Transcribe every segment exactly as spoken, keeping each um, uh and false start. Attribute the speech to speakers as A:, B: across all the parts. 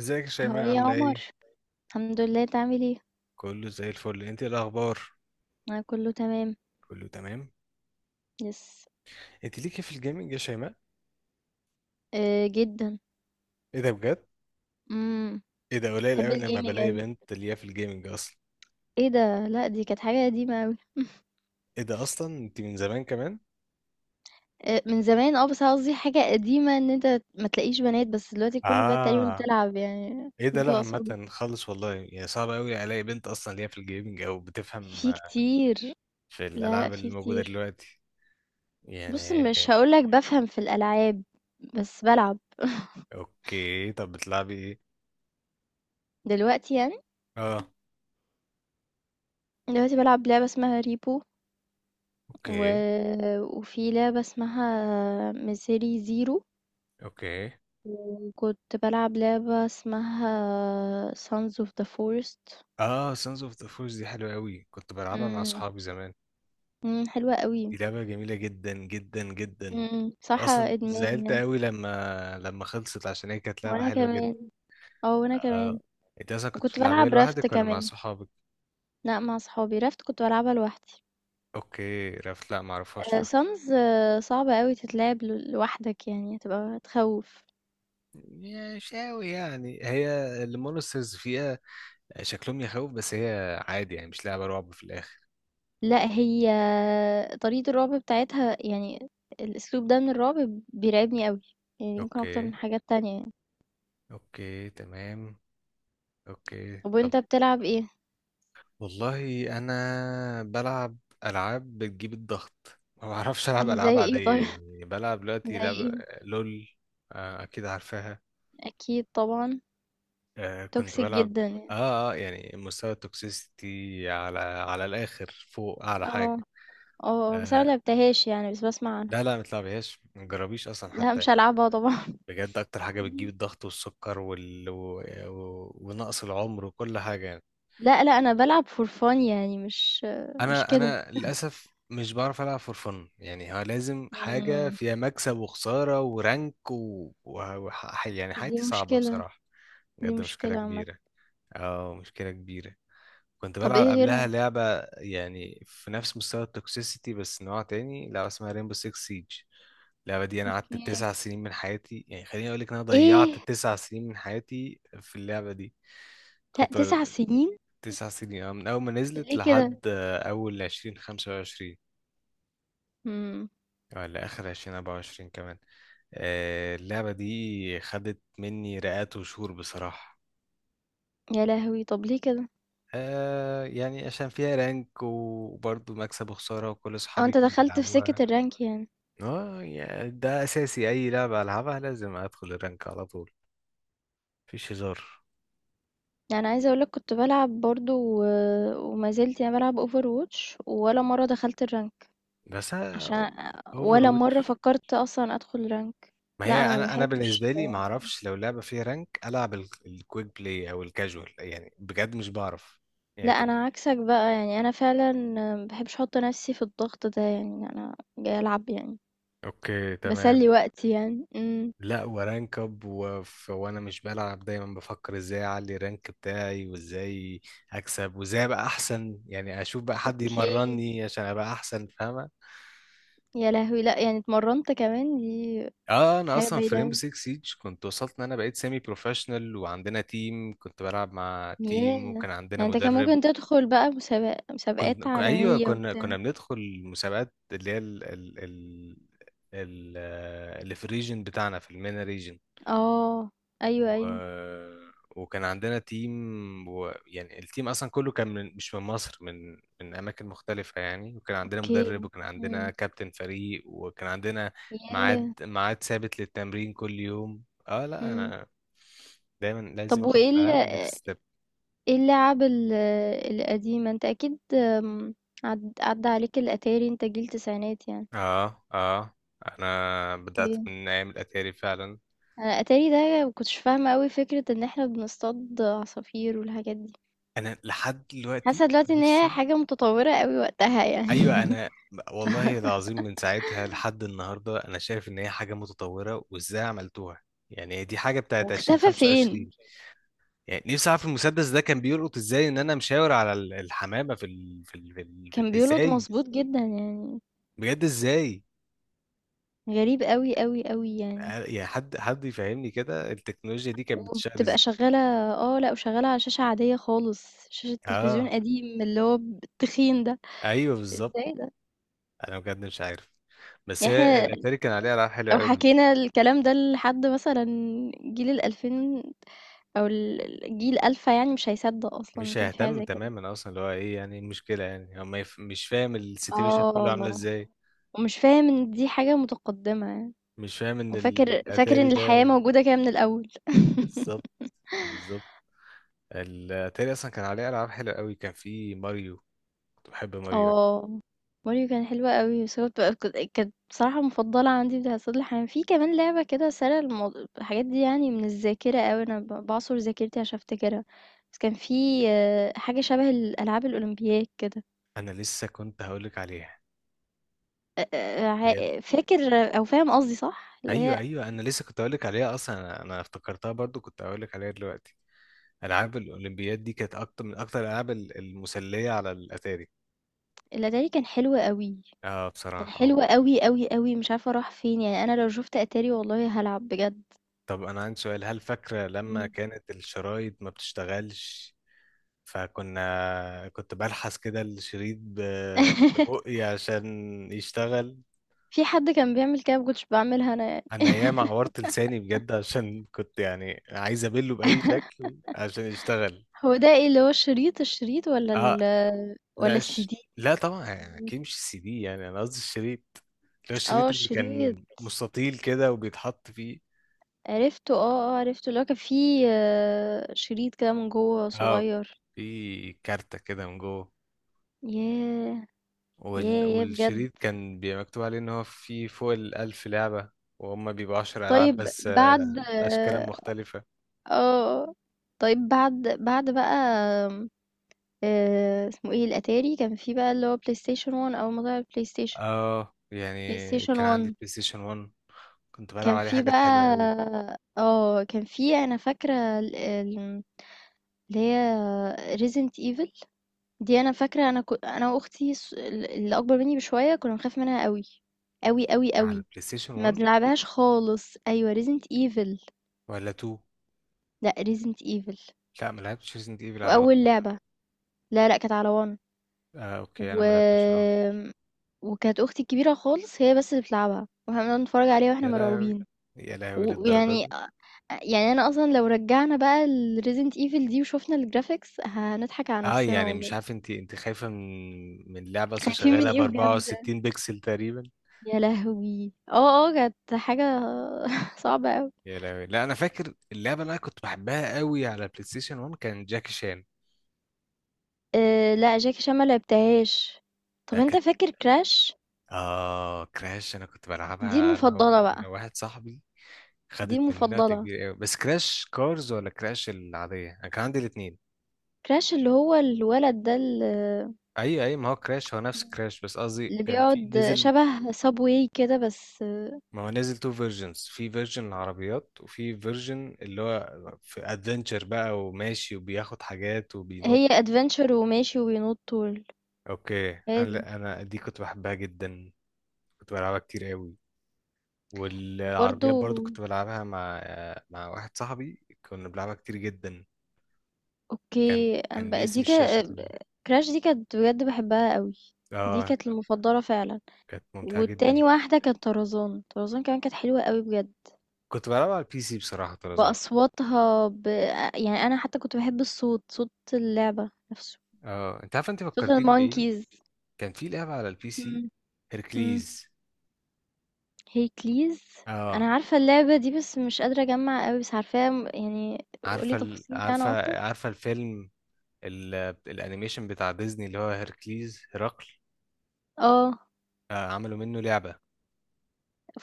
A: ازيك يا
B: هو
A: شيماء
B: إيه يا
A: عاملة
B: عمر؟
A: ايه؟
B: الحمد لله، انت عامل ايه؟
A: كله زي الفل، انت ايه الاخبار؟
B: انا كله تمام.
A: كله تمام.
B: يس.
A: انت ليكي في الجيمنج يا شيماء؟
B: آه، جدا.
A: ايه ده بجد؟
B: امم.
A: ايه ده قليل
B: بحب
A: قوي لما
B: الجيمنج
A: بلاقي
B: اوي.
A: بنت ليها في الجيمنج اصلا.
B: ايه ده؟ لا، دي كانت حاجه قديمه اوي.
A: ايه ده اصلا انت من زمان كمان؟
B: آه، من زمان. اه بس قصدي حاجه قديمه ان انت ما تلاقيش بنات، بس دلوقتي كل البنات تقريبا
A: اه.
B: بتلعب، يعني
A: ايه ده لا
B: نطلع صبح.
A: عامة خالص والله، يعني صعب قوي الاقي بنت اصلا ليها في الجيمنج او بتفهم
B: في كتير.
A: في
B: لا لا،
A: الالعاب اللي
B: في
A: موجودة
B: كتير.
A: دلوقتي.
B: بص،
A: يعني.
B: مش هقولك بفهم في الالعاب، بس بلعب.
A: اوكي طب بتلعبي ايه؟
B: دلوقتي يعني،
A: اه.
B: دلوقتي بلعب لعبة اسمها ريبو و...
A: اوكي.
B: وفي لعبة اسمها ميسيري زيرو،
A: اوكي.
B: وكنت بلعب لعبة اسمها Sons of the Forest.
A: اه، سانز اوف ذا فورس دي حلوة قوي، كنت بلعبها مع
B: امم.
A: صحابي زمان.
B: مم، حلوة قوي.
A: دي لعبة جميلة جدا جدا جدا.
B: مم، صراحة
A: اصلا
B: ادمان
A: زعلت
B: يعني.
A: قوي لما لما خلصت عشان هي كانت لعبة
B: وانا
A: حلوة جدا.
B: كمان. اه، وانا كمان.
A: آه. انت اصلا كنت
B: وكنت
A: بتلعبيها
B: بلعب رافت
A: لوحدك ولا مع
B: كمان.
A: صحابك؟
B: لا، مع صحابي. رافت كنت بلعبها لوحدي.
A: اوكي، رفت، لا معرفهاش
B: آه،
A: رفت.
B: سانز، آه، صعبة قوي تتلعب ل- لوحدك، يعني هتبقى تخوف.
A: مش قوي يعني، هي المونسترز فيها شكلهم يخوف، بس هي عادي يعني مش لعبة رعب في الاخر.
B: لا، هي طريقة الرعب بتاعتها، يعني الاسلوب ده من الرعب بيرعبني قوي، يعني ممكن اكتر
A: اوكي.
B: من حاجات تانية يعني.
A: اوكي تمام. اوكي
B: طب
A: طب.
B: وانت بتلعب ايه؟
A: والله انا بلعب العاب بتجيب الضغط، ما بعرفش العب
B: زي
A: العاب
B: ايه
A: عاديه،
B: طيب؟
A: يعني بلعب دلوقتي
B: زي
A: لعب.
B: إيه؟
A: لول. آه، اكيد عارفاها.
B: أكيد طبعًا.
A: آه، كنت
B: toxic
A: بلعب.
B: جدًا يعني.
A: اه اه، يعني مستوى التوكسيستي على على الاخر فوق اعلى حاجه.
B: آه، آه، بس أنا ما
A: آه،
B: لعبتهاش يعني، بس باسمع عنها.
A: لا لا ما تلعبهاش ما تجربيش اصلا
B: لأ،
A: حتى.
B: مش هالعبها طبعًا.
A: بجد اكتر حاجه بتجيب
B: إمم.
A: الضغط والسكر وال... و... و... ونقص العمر وكل حاجه.
B: لأ، لأ، أنا بالعب for fun يعني، مش مش
A: انا
B: كده.
A: انا للاسف مش بعرف العب فور فن، يعني هو لازم حاجه
B: إمم.
A: فيها مكسب وخساره ورانك و... و... وح... يعني
B: دي
A: حياتي صعبه
B: مشكلة.
A: بصراحه.
B: دي
A: بجد مشكله
B: مشكلة عامةً.
A: كبيره. اه، مشكله كبيره. كنت
B: طب
A: بلعب
B: إيه
A: قبلها
B: غيرها؟
A: لعبه يعني في نفس مستوى التوكسيسيتي بس نوع تاني، لعبه اسمها ريمبو سيكس سيج. اللعبه دي انا قعدت
B: أوكي.
A: تسع سنين من حياتي، يعني خليني اقول لك انا ضيعت
B: إيه!
A: تسع سنين من حياتي في اللعبه دي.
B: لأ،
A: كنت
B: تسع
A: بل...
B: سنين!
A: تسع سنين، اه، من أول ما نزلت
B: ليه كده؟
A: لحد آه، أول عشرين خمسة وعشرين
B: إمم.
A: ولا آخر عشرين أربعة وعشرين كمان. آه، اللعبة دي خدت مني رئات وشهور بصراحة.
B: يا لهوي! طب ليه كده؟
A: آه، يعني عشان فيها رانك وبرضه مكسب وخسارة وكل
B: آه،
A: أصحابي
B: أنت
A: كانوا
B: دخلت في
A: بيلعبوها.
B: سكة الرانك يعني.
A: اه يعني ده أساسي، أي لعبة ألعبها لازم أدخل الرانك على طول، مفيش هزار.
B: يعني عايزة أقول لك كنت بالعب برضه، و وما زلت يعني بالعب overwatch، ولا مرة دخلت الرانك.
A: بس
B: عشان
A: أوفر
B: ولا مرة
A: واتش.
B: فكرت أصلا أدخل رانك.
A: ما
B: لا،
A: هي
B: أنا ما
A: انا انا
B: بحبش.
A: بالنسبه لي ما اعرفش لو لعبه فيها رانك العب ال- الكويك بلاي او الكاجوال، يعني بجد مش بعرف. يعني
B: لا،
A: ك-
B: أنا عكسك بقى، يعني أنا فعلا ما بحبش أحط نفسي في الضغط ده، يعني أنا جاي ألعب يعني
A: اوكي تمام.
B: بسلي وقتي يعني. امم
A: لا ورانك اب وف- وانا مش بلعب، دايما بفكر ازاي اعلي الرانك بتاعي وازاي اكسب وازاي ابقى احسن، يعني اشوف بقى حد
B: اوكي.
A: يمرني عشان ابقى احسن، فاهمه.
B: يا لهوي، لا يعني اتمرنت كمان! دي
A: اه،
B: دي
A: انا
B: حاجة
A: اصلا في
B: بعيدة
A: ريمبو
B: أوي.
A: سيكس سيج كنت وصلت ان انا بقيت سيمي بروفيشنال، وعندنا تيم كنت بلعب مع
B: ياه
A: تيم وكان عندنا
B: يعني، انت كان
A: مدرب.
B: ممكن تدخل بقى مسابق...
A: كنت
B: مسابقات
A: ك- ايوه،
B: عالمية
A: كنا
B: وبتاع.
A: كنا بندخل المسابقات اللي هي ال... ال... ال... ال... آه، اللي في الريجن بتاعنا في المينا ريجن.
B: اه، ايوه ايوه.
A: و... وكان عندنا تيم و... يعني التيم اصلا كله كان من... مش من مصر، من من اماكن مختلفه يعني، وكان عندنا
B: اوكي.
A: مدرب وكان عندنا
B: امم.
A: كابتن فريق وكان عندنا
B: ياه.
A: ميعاد ميعاد ثابت للتمرين كل يوم. اه لا،
B: امم.
A: انا دايما لازم
B: طب
A: اخد الالعاب
B: وايه؟
A: نكست ستيب.
B: إيه اللعب ال القديمة؟ أنت أكيد، آمم، عد عدّى عليك الأتاري، أنت جيل تسعينات يعني.
A: اه اه، انا بدات
B: أوكي.
A: من ايام الاتاري فعلا.
B: أنا الأتاري ده ما كنتش فاهمة أوي فكرة إن إحنا بنصطاد عصافير والحاجات دي.
A: انا لحد دلوقتي
B: حاسة دلوقتي إن هي
A: نفسي.
B: حاجة متطورة أوي وقتها يعني.
A: ايوه، انا والله العظيم من ساعتها لحد النهارده انا شايف ان هي حاجه متطوره وازاي عملتوها، يعني هي دي حاجه
B: هو
A: بتاعت
B: اختفى فين؟
A: ألفين وخمسة وعشرين. يعني نفسي اعرف المسدس ده كان بيلقط ازاي ان انا مشاور على ال- الحمامه في ال... في ال... في ال... في
B: كان
A: ال...
B: بيولد
A: ازاي.
B: مضبوط جدًا يعني.
A: بجد ازاي.
B: غريب أوي، أوي، أوي يعني.
A: آه، يعني حد حد يفهمني كده التكنولوجيا دي كانت بتشتغل
B: وبتبقى
A: ازاي.
B: شغّالة. آه، لأ، وشغّالة على شاشة عادية خالص، شاشة تلفزيون
A: اه
B: قديم اللي هو ب التخين ده.
A: ايوه بالظبط.
B: إزاي ده؟
A: انا بجد مش عارف بس
B: يعني
A: هي
B: إحنا
A: الاتاري كان عليها العاب حلوه
B: لو
A: قوي.
B: حكينا الكلام ده لحد مثلًا جيل الألفين، أو ال الجيل ألفة، يعني مش هيصدّق أصلًا إن
A: مش
B: كان في حاجة
A: هيهتم
B: زي كده.
A: تماما اصلا، اللي هو ايه يعني، إيه المشكله، يعني هو ما يف... مش فاهم السيتويشن كله عامله
B: آه.
A: ازاي.
B: ومش فاهم إن دي حاجة متقدّمة يعني.
A: مش فاهم ان
B: وفاكر فاكر
A: الاتاري
B: إن الحياة
A: ده.
B: موجودة كده من الأول.
A: بالظبط. بالظبط. الاتاري اصلا كان عليه العاب حلوه قوي، كان في ماريو. كنت بحب ماريو أوي.
B: آه، ماريو كان حلو أوي، بس هو بتبقى، ك كانت بصراحة مفضلة عندي بتاعة صيد الحيوان. في كمان لعبة كده سارية المو. الحاجات دي يعني من الذاكرة أوي، أنا ب باعصر ذاكرتي عشان أفتكرها. بس كان في، آه، حاجة شبه الألعاب الأولمبياد كده.
A: انا لسه كنت هقولك عليها.
B: أ أ
A: بجد.
B: ع فاكر؟ أو فاهم قصدي، صح؟ اللي هي
A: ايوه ايوه، انا لسه كنت هقولك عليها اصلا، انا أنا افتكرتها برضو كنت هقولك عليها دلوقتي. العاب الاولمبياد دي كانت اكتر من اكتر الالعاب ال- المسليه على الاتاري.
B: الأتاري، كان حلو أوي.
A: اه
B: كان
A: بصراحه. آه.
B: حلو أوي، أوي، أوي، مش عارفة راح فين، يعني أنا لو شُفت أتاري والله هالعب بجد.
A: طب انا عندي سؤال، هل فاكره لما
B: إمم.
A: كانت الشرايط ما بتشتغلش؟ فكنا كنت بلحس كده الشريط ب- ببقي عشان يشتغل.
B: في حد كان بيعمل كده، ما كنتش باعملها أنا يعني.
A: انا ياما عورت لساني بجد عشان كنت يعني عايز ابله باي شكل عشان يشتغل.
B: هو ده إيه اللي هو الشريط، الشريط والّا ال
A: اه
B: والّا
A: لا، ش...
B: الCD؟
A: لا طبعا، يعني
B: الCD.
A: اكيد مش السي دي، يعني انا قصدي الشريط اللي هو
B: آه،
A: الشريط اللي
B: الشريط.
A: كان مستطيل كده وبيتحط فيه.
B: عرفته، آه، آه عرفته، اللي هو كان فيه، آه، شريط كده من جوّه
A: اه،
B: صغيّر.
A: في كارتة كده من جوه.
B: ياه! ياه،
A: وال...
B: ياه، بجد.
A: والشريط كان بيبقى مكتوب عليه ان هو فيه فوق الألف لعبة، وهم بيبقوا عشر ألعاب
B: طيب
A: بس، آه،
B: بعد.
A: أشكال مختلفة.
B: اه، طيب بعد بعد بقى، آه، اسمه ايه الاتاري، كان في بقى اللي هو بلاي ستيشن ون اول ما طلع البلاي ستيشن.
A: اه
B: بلاي
A: يعني
B: ستيشن
A: كان
B: ون.
A: عندي بلاي ستيشن وان، كنت بلعب
B: كان
A: عليه
B: في
A: حاجات حلوة
B: بقى،
A: قوي.
B: اه كان في، انا فاكره ال- ال- اللي هي ريزنت ايفل. دي انا فاكره، انا كنت انا واختي، الص- ال- اللي اكبر مني بشويه، كنا بنخاف منها قوي، قوي قوي
A: على
B: قوي.
A: البلاي ستيشن
B: ما
A: وان؟
B: بنلعبهاش خالص، ايوه ريزنت ايفل.
A: ولا اتنين؟
B: لا، ريزنت ايفل.
A: لا ما لعبتش ريزنت ايفل على وان.
B: واول لعبه، لا لا، كانت على ون.
A: آه اوكي، انا
B: و...
A: ما لعبتش على وان.
B: وكانت اختي الكبيره خالص هي بس اللي بتلعبها، واحنا بنقعد نتفرج عليها واحنا
A: يا لهوي
B: مرعوبين.
A: يا لهوي، للدرجة
B: ويعني
A: دي؟
B: يعني انا اصلا لو رجعنا بقى الريزنت ايفل دي وشوفنا الجرافيكس، هنضحك على
A: اه،
B: نفسنا
A: يعني مش
B: والله.
A: عارف انت انت خايفة من من لعبة اصلا
B: خايفين من
A: شغالة ب
B: ايه بجد؟
A: أربعة وستين بكسل تقريبا.
B: يا لهوي، اه اه كانت حاجه صعبه قوي.
A: يا لهوي. لا انا فاكر اللعبه اللي انا كنت بحبها قوي على بلاي ستيشن وان كان جاكي شان.
B: أه، لا، جاكي شان ما لعبتهاش. طب
A: ده
B: انت
A: كانت.
B: فاكر كراش؟
A: اه، كراش انا كنت
B: دي
A: بلعبها انا و...
B: المفضله
A: انا
B: بقى.
A: واحد صاحبي.
B: دي
A: خدت مننا وقت
B: المفضله.
A: كبير قوي، بس كراش كارز ولا كراش العاديه؟ انا كان عندي الاثنين.
B: كراش، اللي هو الولد ده، اللي
A: اي اي، ما هو كراش هو نفس كراش، بس قصدي
B: اللي
A: كان في
B: بيقعد
A: نزل.
B: شبه سابواي كده، بس
A: ما هو نزل تو فيرجنز، في فيرجن العربيات وفي فيرجن اللي هو في ادفنتشر بقى وماشي وبياخد حاجات وبينط.
B: هي ادفنتشر وماشي وبينط طول.
A: اوكي.
B: هي
A: انا
B: دي.
A: لا، انا دي كنت بحبها جدا، كنت بلعبها كتير قوي.
B: برضه.
A: والعربيات برضو كنت بلعبها مع مع واحد صاحبي، كنا بنلعبها كتير جدا. كان
B: اوكي. أم
A: كان
B: بقى-
A: باسم
B: دي
A: الشاشة
B: كده.
A: كده.
B: كراش دي كانت بجد بحبها قوي. دي
A: اه،
B: كانت المفضلة فعلا.
A: كانت ممتعة جدا.
B: والتاني واحدة كانت طرزان، طرزان كمان كانت حلوة قوي بجد،
A: كنت بلعبها على البي سي بصراحة طرزان.
B: بأصواتها ب... يعني أنا حتى كنت بحب الصوت، صوت اللعبة نفسه.
A: اه انت عارف انت
B: صوت
A: فكرتيني بإيه،
B: المونكيز.
A: كان في لعبة على البي سي،
B: مم. مم.
A: هيركليز.
B: هي كليز. انا
A: اه
B: عارفه اللعبه دي، بس مش قادره اجمع قوي، بس عارفاها. م- يعني
A: عارفة
B: قولي
A: ال...
B: تفاصيل عنها اكتر.
A: عارفة عارفة الفيلم ال... الانيميشن بتاع ديزني اللي هو هيركليز، هرقل.
B: اه،
A: آه، عملوا منه لعبة.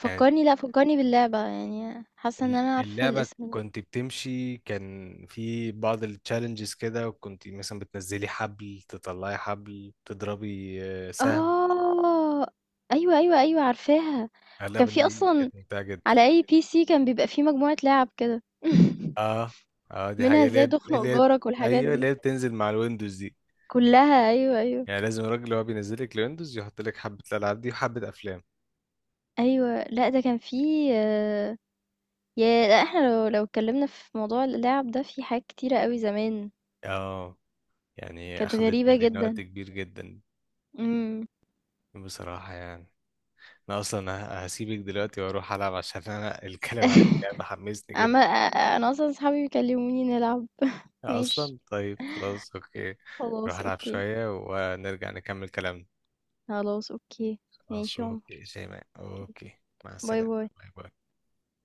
A: كانت
B: لا فكرني باللعبه، يعني حاسه ان انا عارفه
A: اللعبة
B: الاسم.
A: كنت بتمشي، كان في بعض التشالنجز كده، كنت مثلا بتنزلي حبل، تطلعي حبل، تضربي آه، سهم.
B: اه، ايوه ايوه ايوه، عارفاها. وكان
A: اللعبة
B: في
A: دي
B: اصلا
A: كانت ممتعة جدا.
B: على اي بي سي كان بيبقى في مجموعه لعب كده.
A: اه اه، دي
B: منها
A: حقيقة اللي هي
B: ازاي
A: اللي
B: تخنق
A: هي
B: جارك والحاجات
A: ايوه اللي
B: دي
A: هي بتنزل مع الويندوز دي،
B: كلها. ايوه، ايوه
A: يعني لازم الراجل اللي هو بينزلك الويندوز يحط لك حبة الألعاب دي وحبة أفلام.
B: ايوه. لا، ده كان في، آه. يا لا احنا لو لو اتكلمنا في موضوع اللعب ده، في حاجات كتيره قوي زمان.
A: اه يعني
B: كانت
A: أخدت
B: غريبة
A: مننا
B: جدًا.
A: وقت كبير جدا
B: إمم.
A: بصراحة. يعني أنا أصلا ه- هسيبك دلوقتي وأروح ألعب عشان أنا الكلام عن اللعبة حمسني
B: عم،
A: جدا.
B: أنا أصلًا صحابي بيكلموني نلعب. ماشي.
A: اصلا طيب، خلاص اوكي، نروح
B: خلاص
A: العب
B: أوكي.
A: شوية ونرجع نكمل كلامنا.
B: خلاص أوكي.
A: خلاص
B: ماشي يا عمر.
A: اوكي شيماء اوكي. مع
B: باي،
A: السلامة.
B: باي.
A: باي باي.